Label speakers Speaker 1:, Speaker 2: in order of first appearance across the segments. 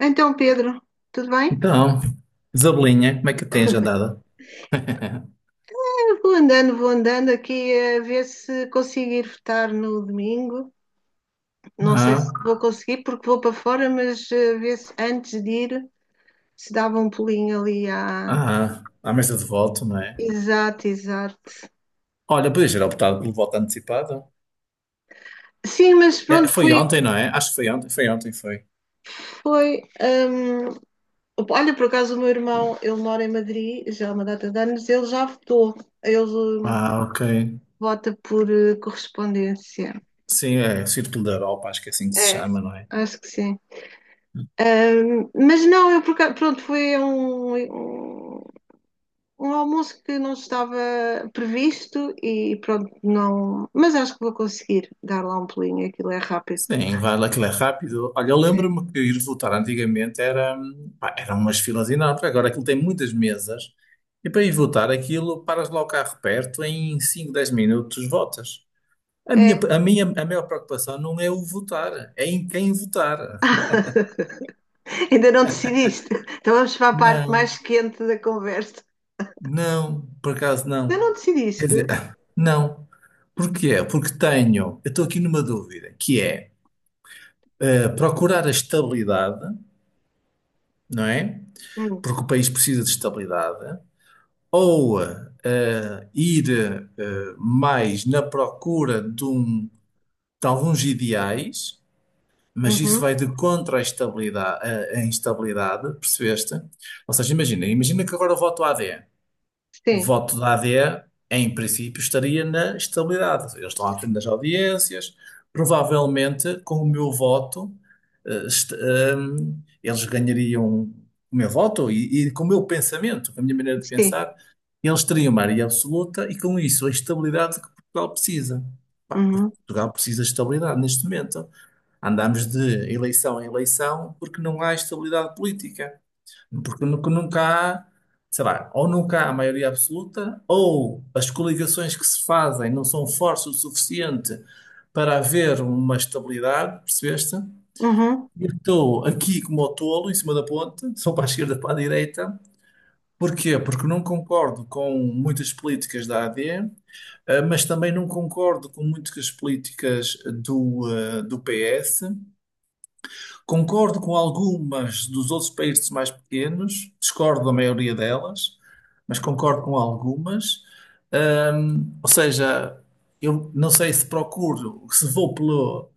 Speaker 1: Então, Pedro, tudo bem?
Speaker 2: Então, Isabelinha, como é que tens andado?
Speaker 1: Eu vou andando aqui a ver se consigo ir votar no domingo. Não sei se
Speaker 2: Ah,
Speaker 1: vou conseguir porque vou para fora, mas ver se antes de ir se dava um pulinho ali à.
Speaker 2: ah, à mesa de voto, não é?
Speaker 1: Exato, exato.
Speaker 2: Olha, podias ter optado pelo voto antecipado.
Speaker 1: Sim, mas
Speaker 2: É,
Speaker 1: pronto,
Speaker 2: foi
Speaker 1: foi,
Speaker 2: ontem, não é? Acho que foi ontem, foi ontem, foi.
Speaker 1: foi. Olha, por acaso o meu irmão, ele mora em Madrid já há uma data de anos, ele já votou. Ele
Speaker 2: Ah, ok.
Speaker 1: vota por correspondência.
Speaker 2: Sim, é o Círculo da Europa, acho que é assim que se
Speaker 1: É,
Speaker 2: chama, não é?
Speaker 1: acho que sim. Mas não, pronto, foi um, um, um almoço que não estava previsto e pronto, não. Mas acho que vou conseguir dar lá um pulinho, aquilo é rápido.
Speaker 2: Sim, vai lá, aquilo é rápido. Olha, eu
Speaker 1: É.
Speaker 2: lembro-me que ir votar antigamente era, pá, eram umas filas enormes. Agora aquilo tem muitas mesas e para ir votar aquilo, paras lá o carro perto, em 5, 10 minutos votas. A minha,
Speaker 1: É.
Speaker 2: a minha, a maior preocupação não é o votar, é em quem votar.
Speaker 1: Ainda não decidiste. Então vamos para a parte
Speaker 2: Não,
Speaker 1: mais quente da conversa.
Speaker 2: não, por acaso
Speaker 1: Ainda
Speaker 2: não.
Speaker 1: não
Speaker 2: Quer
Speaker 1: decidiste?
Speaker 2: dizer, não. Porquê? Porque tenho, eu estou aqui numa dúvida, que é procurar a estabilidade, não é?
Speaker 1: Hum.
Speaker 2: Porque o país precisa de estabilidade, ou ir mais na procura de alguns ideais. Mas isso
Speaker 1: Uhum.
Speaker 2: vai de contra a estabilidade, a instabilidade, percebeste? Ou seja, imagina que agora eu voto AD. O
Speaker 1: Sim,
Speaker 2: voto da AD, em princípio, estaria na estabilidade. Eles estão à frente das audiências. Provavelmente, com o meu voto, eh, est- ehm, eles ganhariam o meu voto e com o meu pensamento, com a minha maneira de
Speaker 1: sim.
Speaker 2: pensar, eles teriam uma maioria absoluta e, com isso, a estabilidade que Portugal precisa. Pá,
Speaker 1: Uhum,
Speaker 2: Portugal precisa de estabilidade neste momento. Andamos de eleição em eleição porque não há estabilidade política. Porque nunca, nunca há, sei lá, ou nunca há maioria absoluta, ou as coligações que se fazem não são fortes o suficiente para haver uma estabilidade, percebeste?
Speaker 1: uhum.
Speaker 2: Eu estou aqui como o tolo, em cima da ponte, sou para a esquerda, para a direita. Porquê? Porque não concordo com muitas políticas da AD, mas também não concordo com muitas políticas do, do PS. Concordo com algumas dos outros países mais pequenos, discordo da maioria delas, mas concordo com algumas. Ou seja, eu não sei se procuro, se vou pelo,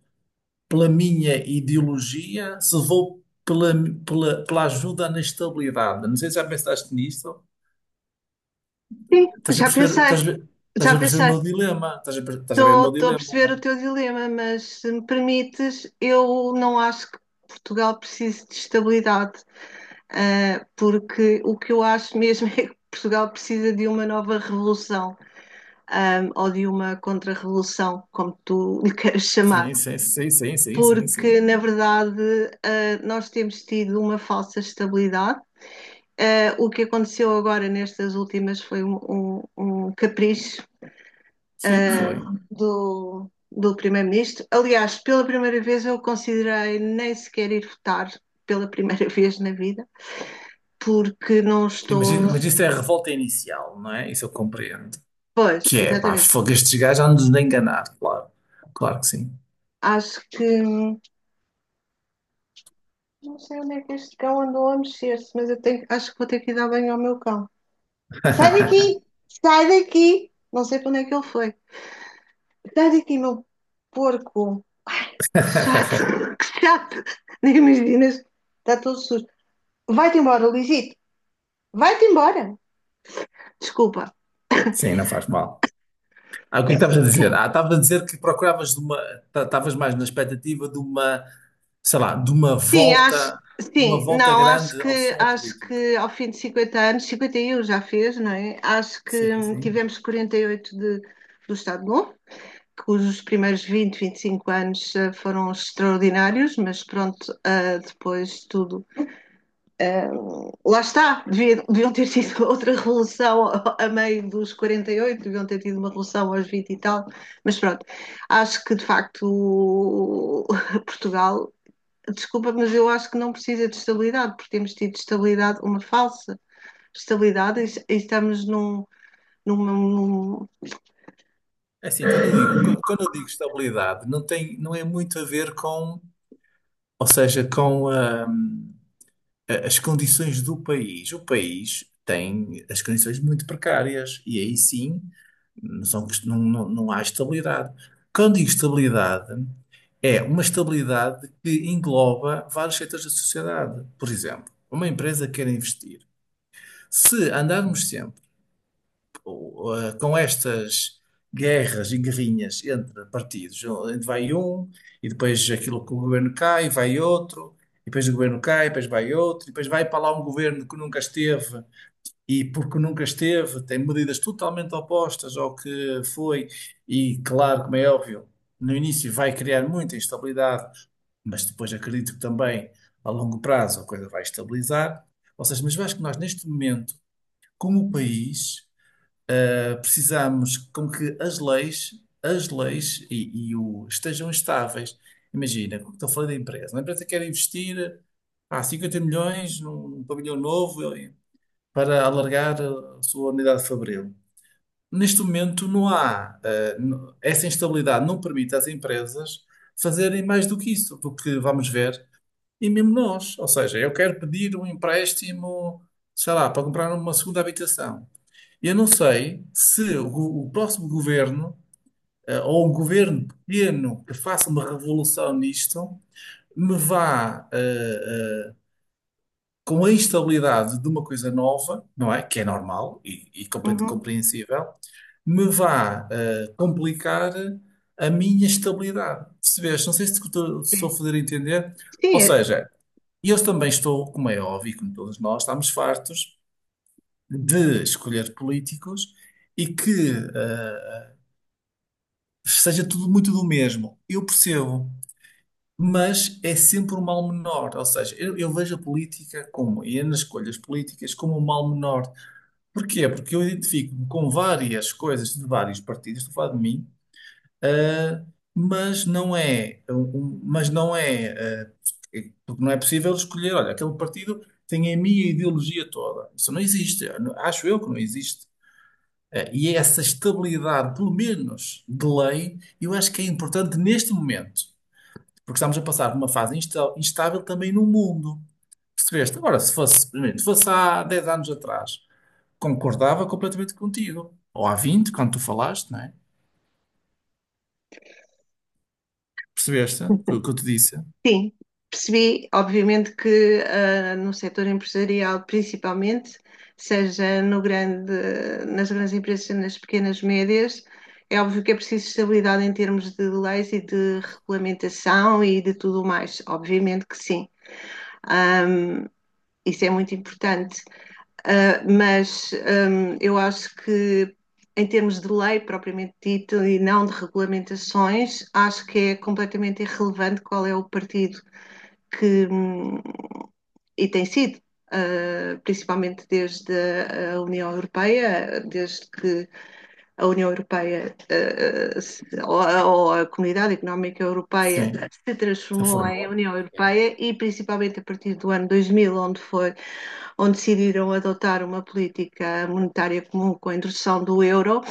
Speaker 2: pela minha ideologia, se vou pela, pela ajuda na estabilidade. Não sei se já pensaste nisto.
Speaker 1: Sim,
Speaker 2: Estás a
Speaker 1: já
Speaker 2: perceber,
Speaker 1: pensei,
Speaker 2: estás a ver, estás
Speaker 1: já
Speaker 2: a perceber o
Speaker 1: pensei.
Speaker 2: meu dilema. Estás a ver o
Speaker 1: Estou
Speaker 2: meu
Speaker 1: a
Speaker 2: dilema, não
Speaker 1: perceber
Speaker 2: é?
Speaker 1: o teu dilema, mas se me permites, eu não acho que Portugal precise de estabilidade, porque o que eu acho mesmo é que Portugal precisa de uma nova revolução, ou de uma contra-revolução, como tu lhe queiras chamar,
Speaker 2: Sim, sim, sim, sim, sim, sim, sim.
Speaker 1: porque na verdade, nós temos tido uma falsa estabilidade. O que aconteceu agora nestas últimas foi um capricho
Speaker 2: Sim, foi.
Speaker 1: do primeiro-ministro. Aliás, pela primeira vez eu considerei nem sequer ir votar, pela primeira vez na vida, porque não
Speaker 2: Mas,
Speaker 1: estou.
Speaker 2: i- mas isso é a revolta inicial, não é? Isso eu compreendo.
Speaker 1: Pois,
Speaker 2: Que é, pá,
Speaker 1: exatamente.
Speaker 2: fogo, estes gajos andam-nos a enganar, claro. Claro que sim.
Speaker 1: Acho que. Não sei onde é que este cão andou a mexer-se, mas acho que vou ter que ir dar banho ao meu cão. Sai daqui! Sai daqui! Não sei para onde é que ele foi. Sai daqui, meu porco! Ai, que chato! Que chato! Nem imaginas. Está todo sujo. Vai-te embora, Lisito. Vai-te embora. Desculpa.
Speaker 2: Sim, não faz mal. Ah, o que é que estavas a dizer? Ah, estavas a dizer que procuravas de uma, estavas mais na expectativa de uma, sei lá, de
Speaker 1: Sim, acho,
Speaker 2: uma
Speaker 1: sim,
Speaker 2: volta
Speaker 1: não,
Speaker 2: grande ao sistema
Speaker 1: acho
Speaker 2: político.
Speaker 1: que ao fim de 50 anos, 51 já fez, não é? Acho que
Speaker 2: Sim, sim.
Speaker 1: tivemos 48 do Estado Novo, cujos primeiros 20, 25 anos foram extraordinários, mas pronto, depois tudo. ah, Lá está, deviam ter tido outra revolução a meio dos 48, deviam ter tido uma revolução aos 20 e tal, mas pronto, acho que de facto Portugal desculpa, mas eu acho que não precisa de estabilidade, porque temos tido estabilidade, uma falsa estabilidade, e estamos num. num, num-
Speaker 2: É assim, quando eu digo estabilidade, não tem, não é muito a ver com, ou seja, com as condições do país. O país tem as condições muito precárias e aí sim não, não, não, não há estabilidade. Quando digo estabilidade, é uma estabilidade que engloba vários setores da sociedade. Por exemplo, uma empresa quer investir. Se andarmos com estas guerras e guerrinhas entre partidos, onde vai um, e depois aquilo que o governo cai, vai outro, e depois o governo cai, depois vai outro, e depois vai para lá um governo que nunca esteve, e porque nunca esteve, tem medidas totalmente opostas ao que foi, e claro, como é óbvio, no início vai criar muita instabilidade, mas depois acredito que também a longo prazo a coisa vai estabilizar. Ou seja, mas eu acho que nós neste momento, como país, precisamos com que as leis e o, estejam estáveis. Imagina, como estou a falar da empresa. Uma empresa quer investir há 50 milhões num pavilhão novo para alargar a sua unidade fabril. Neste momento não há, essa instabilidade não permite às empresas fazerem mais do que isso, do que vamos ver, e mesmo nós. Ou seja, eu quero pedir um empréstimo, sei lá, para comprar uma segunda habitação. Eu não sei se o próximo governo, ou um governo pequeno que faça uma revolução nisto, me vá, com a instabilidade de uma coisa nova, não é? Que é normal e completamente
Speaker 1: Uhum.
Speaker 2: compreensível, me vá, complicar a minha estabilidade. Percebeste? Não sei se te estou se estou a fazer entender. Ou
Speaker 1: Sim,
Speaker 2: seja, eu também estou, como é óbvio, como todos nós, estamos fartos de escolher políticos e que seja tudo muito do mesmo. Eu percebo, mas é sempre um mal menor. Ou seja, eu vejo a política como, e nas escolhas políticas, como um mal menor. Porquê? Porque eu identifico-me com várias coisas de vários partidos, estou a falar de mim, ah, mas não é, um, mas não é, ah, porque não é possível escolher, olha, aquele partido tem a minha ideologia toda. Isso não existe. Acho eu que não existe. E é essa estabilidade, pelo menos de lei, eu acho que é importante neste momento, porque estamos a passar por uma fase instável também no mundo. Percebeste? Agora, se fosse, primeiro, se fosse há 10 anos atrás, concordava completamente contigo. Ou há 20 quando tu falaste, não é? Percebeste o que eu te disse?
Speaker 1: sim. Percebi, obviamente, que no setor empresarial, principalmente, seja no grande, nas grandes empresas, nas pequenas médias, é óbvio que é preciso estabilidade em termos de leis e de regulamentação e de tudo mais. Obviamente que sim. Ahm, isso é muito importante. Mas eu acho que, em termos de lei propriamente dito e não de regulamentações, acho que é completamente irrelevante qual é o partido que, e tem sido, principalmente desde a União Europeia, desde que a União Europeia, ou a Comunidade Económica Europeia,
Speaker 2: Sim.
Speaker 1: se
Speaker 2: Se
Speaker 1: transformou em
Speaker 2: formou?
Speaker 1: União
Speaker 2: Sim.
Speaker 1: Europeia e principalmente a partir do ano 2000, onde decidiram adotar uma política monetária comum com a introdução do euro.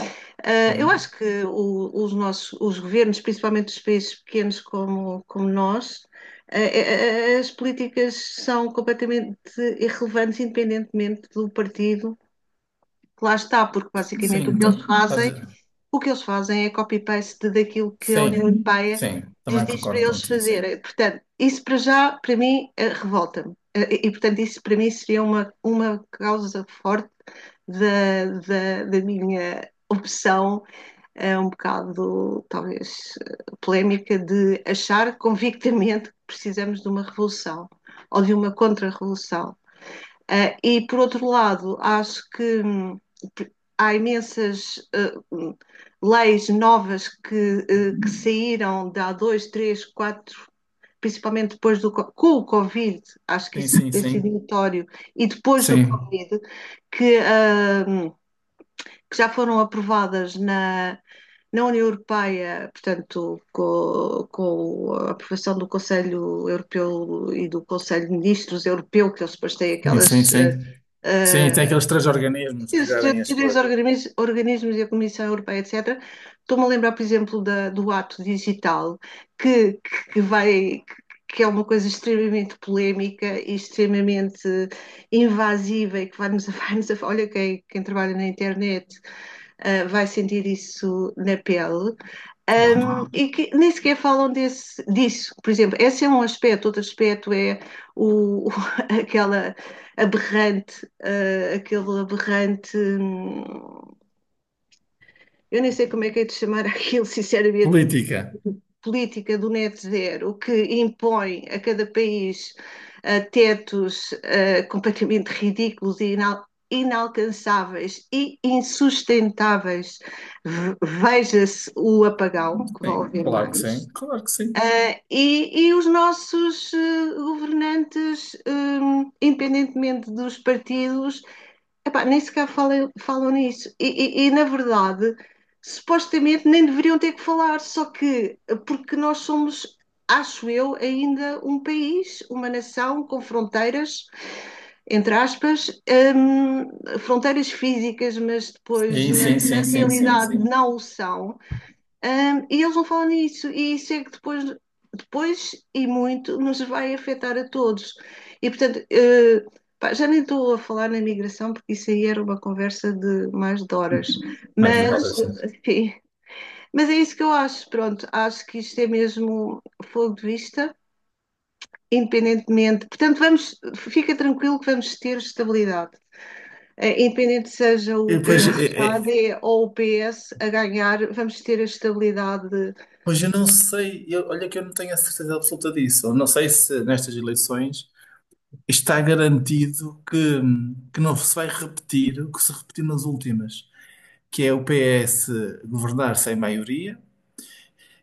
Speaker 1: Eu
Speaker 2: Sim.
Speaker 1: acho que os governos, principalmente os países pequenos como nós, as políticas são completamente irrelevantes independentemente do partido que lá está, porque basicamente
Speaker 2: Sim, estás a-
Speaker 1: o que eles fazem é copy-paste daquilo que a União, uhum,
Speaker 2: sim.
Speaker 1: Europeia
Speaker 2: Sim.
Speaker 1: lhes
Speaker 2: Também
Speaker 1: diz para
Speaker 2: concordo
Speaker 1: eles
Speaker 2: contigo, sim.
Speaker 1: fazerem. Portanto, isso para já, para mim, revolta-me. E, portanto, isso para mim seria uma causa forte da minha opção, um bocado, talvez, polémica, de achar convictamente que precisamos de uma revolução ou de uma contra-revolução. E por outro lado, acho que há imensas uh, leis novas que saíram de há dois, três, quatro, principalmente depois do com o Covid, acho que
Speaker 2: Sim,
Speaker 1: isso
Speaker 2: sim,
Speaker 1: tem sido
Speaker 2: sim.
Speaker 1: notório, e depois do
Speaker 2: Sim.
Speaker 1: Covid, que, uh, que já foram aprovadas na União Europeia, portanto, com a aprovação do Conselho Europeu e do Conselho de Ministros Europeu, que eles depois têm
Speaker 2: Sim, sim,
Speaker 1: aquelas.
Speaker 2: sim. Sim, tem
Speaker 1: uh,
Speaker 2: aqueles três organismos que
Speaker 1: Setores
Speaker 2: gerem as
Speaker 1: determinados
Speaker 2: coisas.
Speaker 1: organismos e a Comissão Europeia, etc. Estou-me a lembrar, por exemplo, do ato digital, que, que, vai, que é uma coisa extremamente polémica e extremamente invasiva e que vai-nos vai a. Olha, quem trabalha na internet vai sentir isso na pele.
Speaker 2: Claro.
Speaker 1: E que nem sequer falam desse, disso. Por exemplo, esse é um aspecto, outro aspecto é o aquela aberrante, aquele aberrante. Eu nem sei como é que é de chamar aquilo, sinceramente,
Speaker 2: Política.
Speaker 1: política do net zero que impõe a cada país tetos completamente ridículos e inalcançáveis e insustentáveis, veja-se o apagão, que vão
Speaker 2: Sim,
Speaker 1: haver
Speaker 2: claro que
Speaker 1: mais.
Speaker 2: sim. Claro que sim.
Speaker 1: E, os nossos governantes, independentemente dos partidos, epá, nem sequer falam nisso. E, na verdade, supostamente nem deveriam ter que falar, só que porque nós somos, acho eu, ainda um país, uma nação com fronteiras, entre aspas, fronteiras físicas, mas depois
Speaker 2: Sim, sim, sim,
Speaker 1: na
Speaker 2: sim, sim,
Speaker 1: realidade
Speaker 2: sim.
Speaker 1: não o são. E eles não falam nisso, e isso é que depois e muito nos vai afetar a todos. E portanto, pá, já nem estou a falar na migração, porque isso aí era uma conversa de mais de horas,
Speaker 2: Mais
Speaker 1: mas,
Speaker 2: horas, né?
Speaker 1: enfim, mas é isso que eu acho. Pronto, acho que isto é mesmo fogo de vista, independentemente. Portanto, vamos, fica tranquilo que vamos ter estabilidade. Independente seja
Speaker 2: E,
Speaker 1: o P
Speaker 2: pois,
Speaker 1: S a d ou o PS a ganhar, vamos ter a estabilidade.
Speaker 2: pois eu não sei, olha que eu não tenho a certeza absoluta disso. Eu não sei se nestas eleições está garantido que não se vai repetir o que se repetiu nas últimas, que é o PS governar sem maioria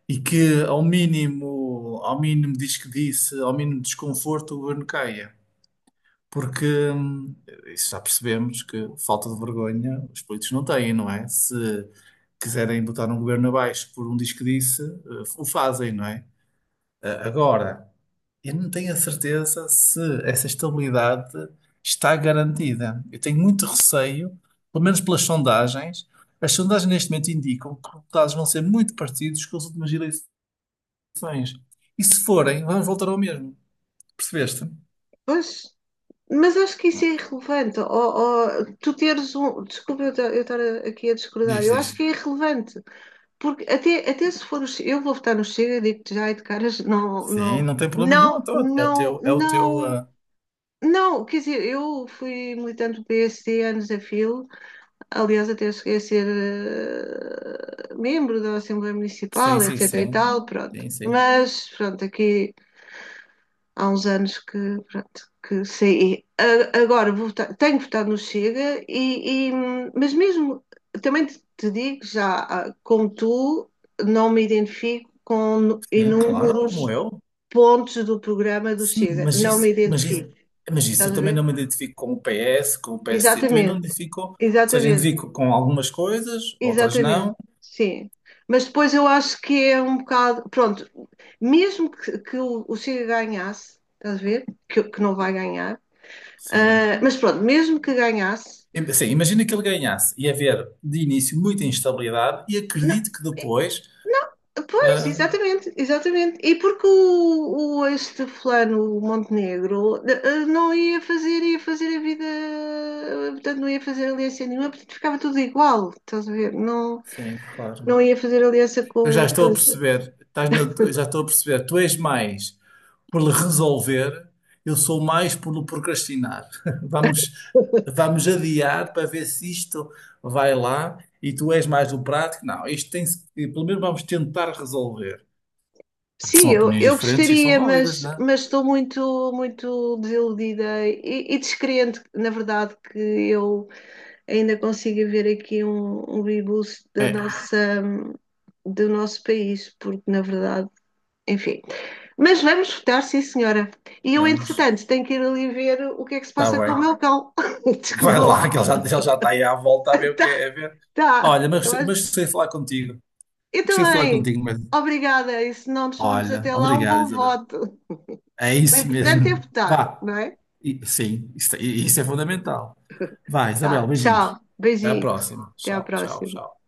Speaker 2: e que ao mínimo diz que disse, ao mínimo desconforto, o governo caia. Porque hum, isso já percebemos que falta de vergonha os políticos não têm, não é? Se quiserem botar um governo abaixo por um diz que disse, o fazem, não é? Agora, eu não tenho a certeza se essa estabilidade está garantida. Eu tenho muito receio, pelo menos pelas sondagens. As sondagens neste momento indicam que os resultados vão ser muito parecidos com as últimas eleições. E se forem, vamos voltar ao mesmo. Percebeste?
Speaker 1: Pois, mas acho que isso é irrelevante. Ou tu teres um. Eu estar aqui a discordar.
Speaker 2: Diz,
Speaker 1: Eu acho
Speaker 2: diz.
Speaker 1: que é irrelevante. Porque até se for. Eu vou votar no Chega, digo-te já e de caras, não,
Speaker 2: Sim,
Speaker 1: não,
Speaker 2: não tem problema nenhum.
Speaker 1: não,
Speaker 2: Então É o
Speaker 1: não,
Speaker 2: teu, é o teu,
Speaker 1: não.
Speaker 2: ah,
Speaker 1: Não, quer dizer, eu fui militante do PSD anos a fio, aliás, até cheguei a ser membro da Assembleia
Speaker 2: sim,
Speaker 1: Municipal,
Speaker 2: sim,
Speaker 1: etc. e
Speaker 2: sim.
Speaker 1: tal, pronto.
Speaker 2: Sim, sim.
Speaker 1: Mas, pronto, aqui há uns anos que, pronto, que saí. Tenho votado no Chega, e, mas mesmo também te digo já, como tu, não me identifico com
Speaker 2: Sim, claro, como
Speaker 1: inúmeros
Speaker 2: eu.
Speaker 1: pontos do programa do
Speaker 2: Sim,
Speaker 1: Chega.
Speaker 2: mas
Speaker 1: Não me
Speaker 2: isso, mas isso,
Speaker 1: identifico.
Speaker 2: mas isso eu
Speaker 1: Estás a
Speaker 2: também
Speaker 1: ver?
Speaker 2: não me identifico com o PS, com o PST. Também não me
Speaker 1: Exatamente,
Speaker 2: identifico, ou seja,
Speaker 1: exatamente,
Speaker 2: identifico com algumas coisas, outras
Speaker 1: exatamente.
Speaker 2: não.
Speaker 1: Sim. Mas depois eu acho que é um bocado. Pronto, mesmo que o Chega ganhasse, estás a ver? Que não vai ganhar.
Speaker 2: Sim.
Speaker 1: Mas pronto, mesmo que ganhasse.
Speaker 2: Sim, imagina que ele ganhasse. Ia haver, de início, muita instabilidade e
Speaker 1: Não,
Speaker 2: acredito que
Speaker 1: eh,
Speaker 2: depois.
Speaker 1: não, pois,
Speaker 2: Ah,
Speaker 1: exatamente, exatamente. E porque o este fulano, o Montenegro, não ia fazer, ia fazer a vida. Portanto, não ia fazer aliança nenhuma, portanto, ficava tudo igual, estás a ver? Não,
Speaker 2: sim, claro.
Speaker 1: não ia fazer aliança
Speaker 2: Eu já
Speaker 1: com
Speaker 2: estou a
Speaker 1: os.
Speaker 2: perceber, estás na- eu já estou a perceber, tu és mais por lhe resolver, eu sou mais por lhe procrastinar. Vamos, vamos adiar para ver se isto vai lá e tu és mais do prático. Não, isto tem-se, pelo menos vamos tentar resolver. Pá,
Speaker 1: Sim,
Speaker 2: são opiniões
Speaker 1: eu
Speaker 2: diferentes e são
Speaker 1: gostaria,
Speaker 2: válidas, não é?
Speaker 1: mas estou muito, muito desiludida e descrente, na verdade, que eu ainda consiga ver aqui um rebuço da
Speaker 2: É,
Speaker 1: nossa, do nosso país, porque na verdade, enfim. Mas vamos votar, sim, senhora. E eu,
Speaker 2: vamos,
Speaker 1: entretanto, tenho que ir ali ver o que é que se
Speaker 2: está
Speaker 1: passa com o
Speaker 2: bem.
Speaker 1: meu cão.
Speaker 2: Vai
Speaker 1: Desculpa
Speaker 2: lá, que ele
Speaker 1: lá.
Speaker 2: já, ele já está aí à volta a ver o que
Speaker 1: Tá,
Speaker 2: é, a ver.
Speaker 1: tá.
Speaker 2: Olha, mas, mas gostei de falar contigo.
Speaker 1: Eu
Speaker 2: Gostei de falar
Speaker 1: também.
Speaker 2: contigo, mas.
Speaker 1: Obrigada. E se não nos formos
Speaker 2: Olha,
Speaker 1: até lá, um
Speaker 2: obrigado,
Speaker 1: bom
Speaker 2: Isabel.
Speaker 1: voto.
Speaker 2: É
Speaker 1: O
Speaker 2: isso
Speaker 1: importante é
Speaker 2: mesmo.
Speaker 1: votar,
Speaker 2: Vá.
Speaker 1: não é?
Speaker 2: Sim, isso é fundamental. Vá,
Speaker 1: Tá.
Speaker 2: Isabel, beijinhos.
Speaker 1: Tchau.
Speaker 2: Até a
Speaker 1: Beijinho.
Speaker 2: próxima.
Speaker 1: Até à
Speaker 2: Tchau, tchau,
Speaker 1: próxima.
Speaker 2: tchau.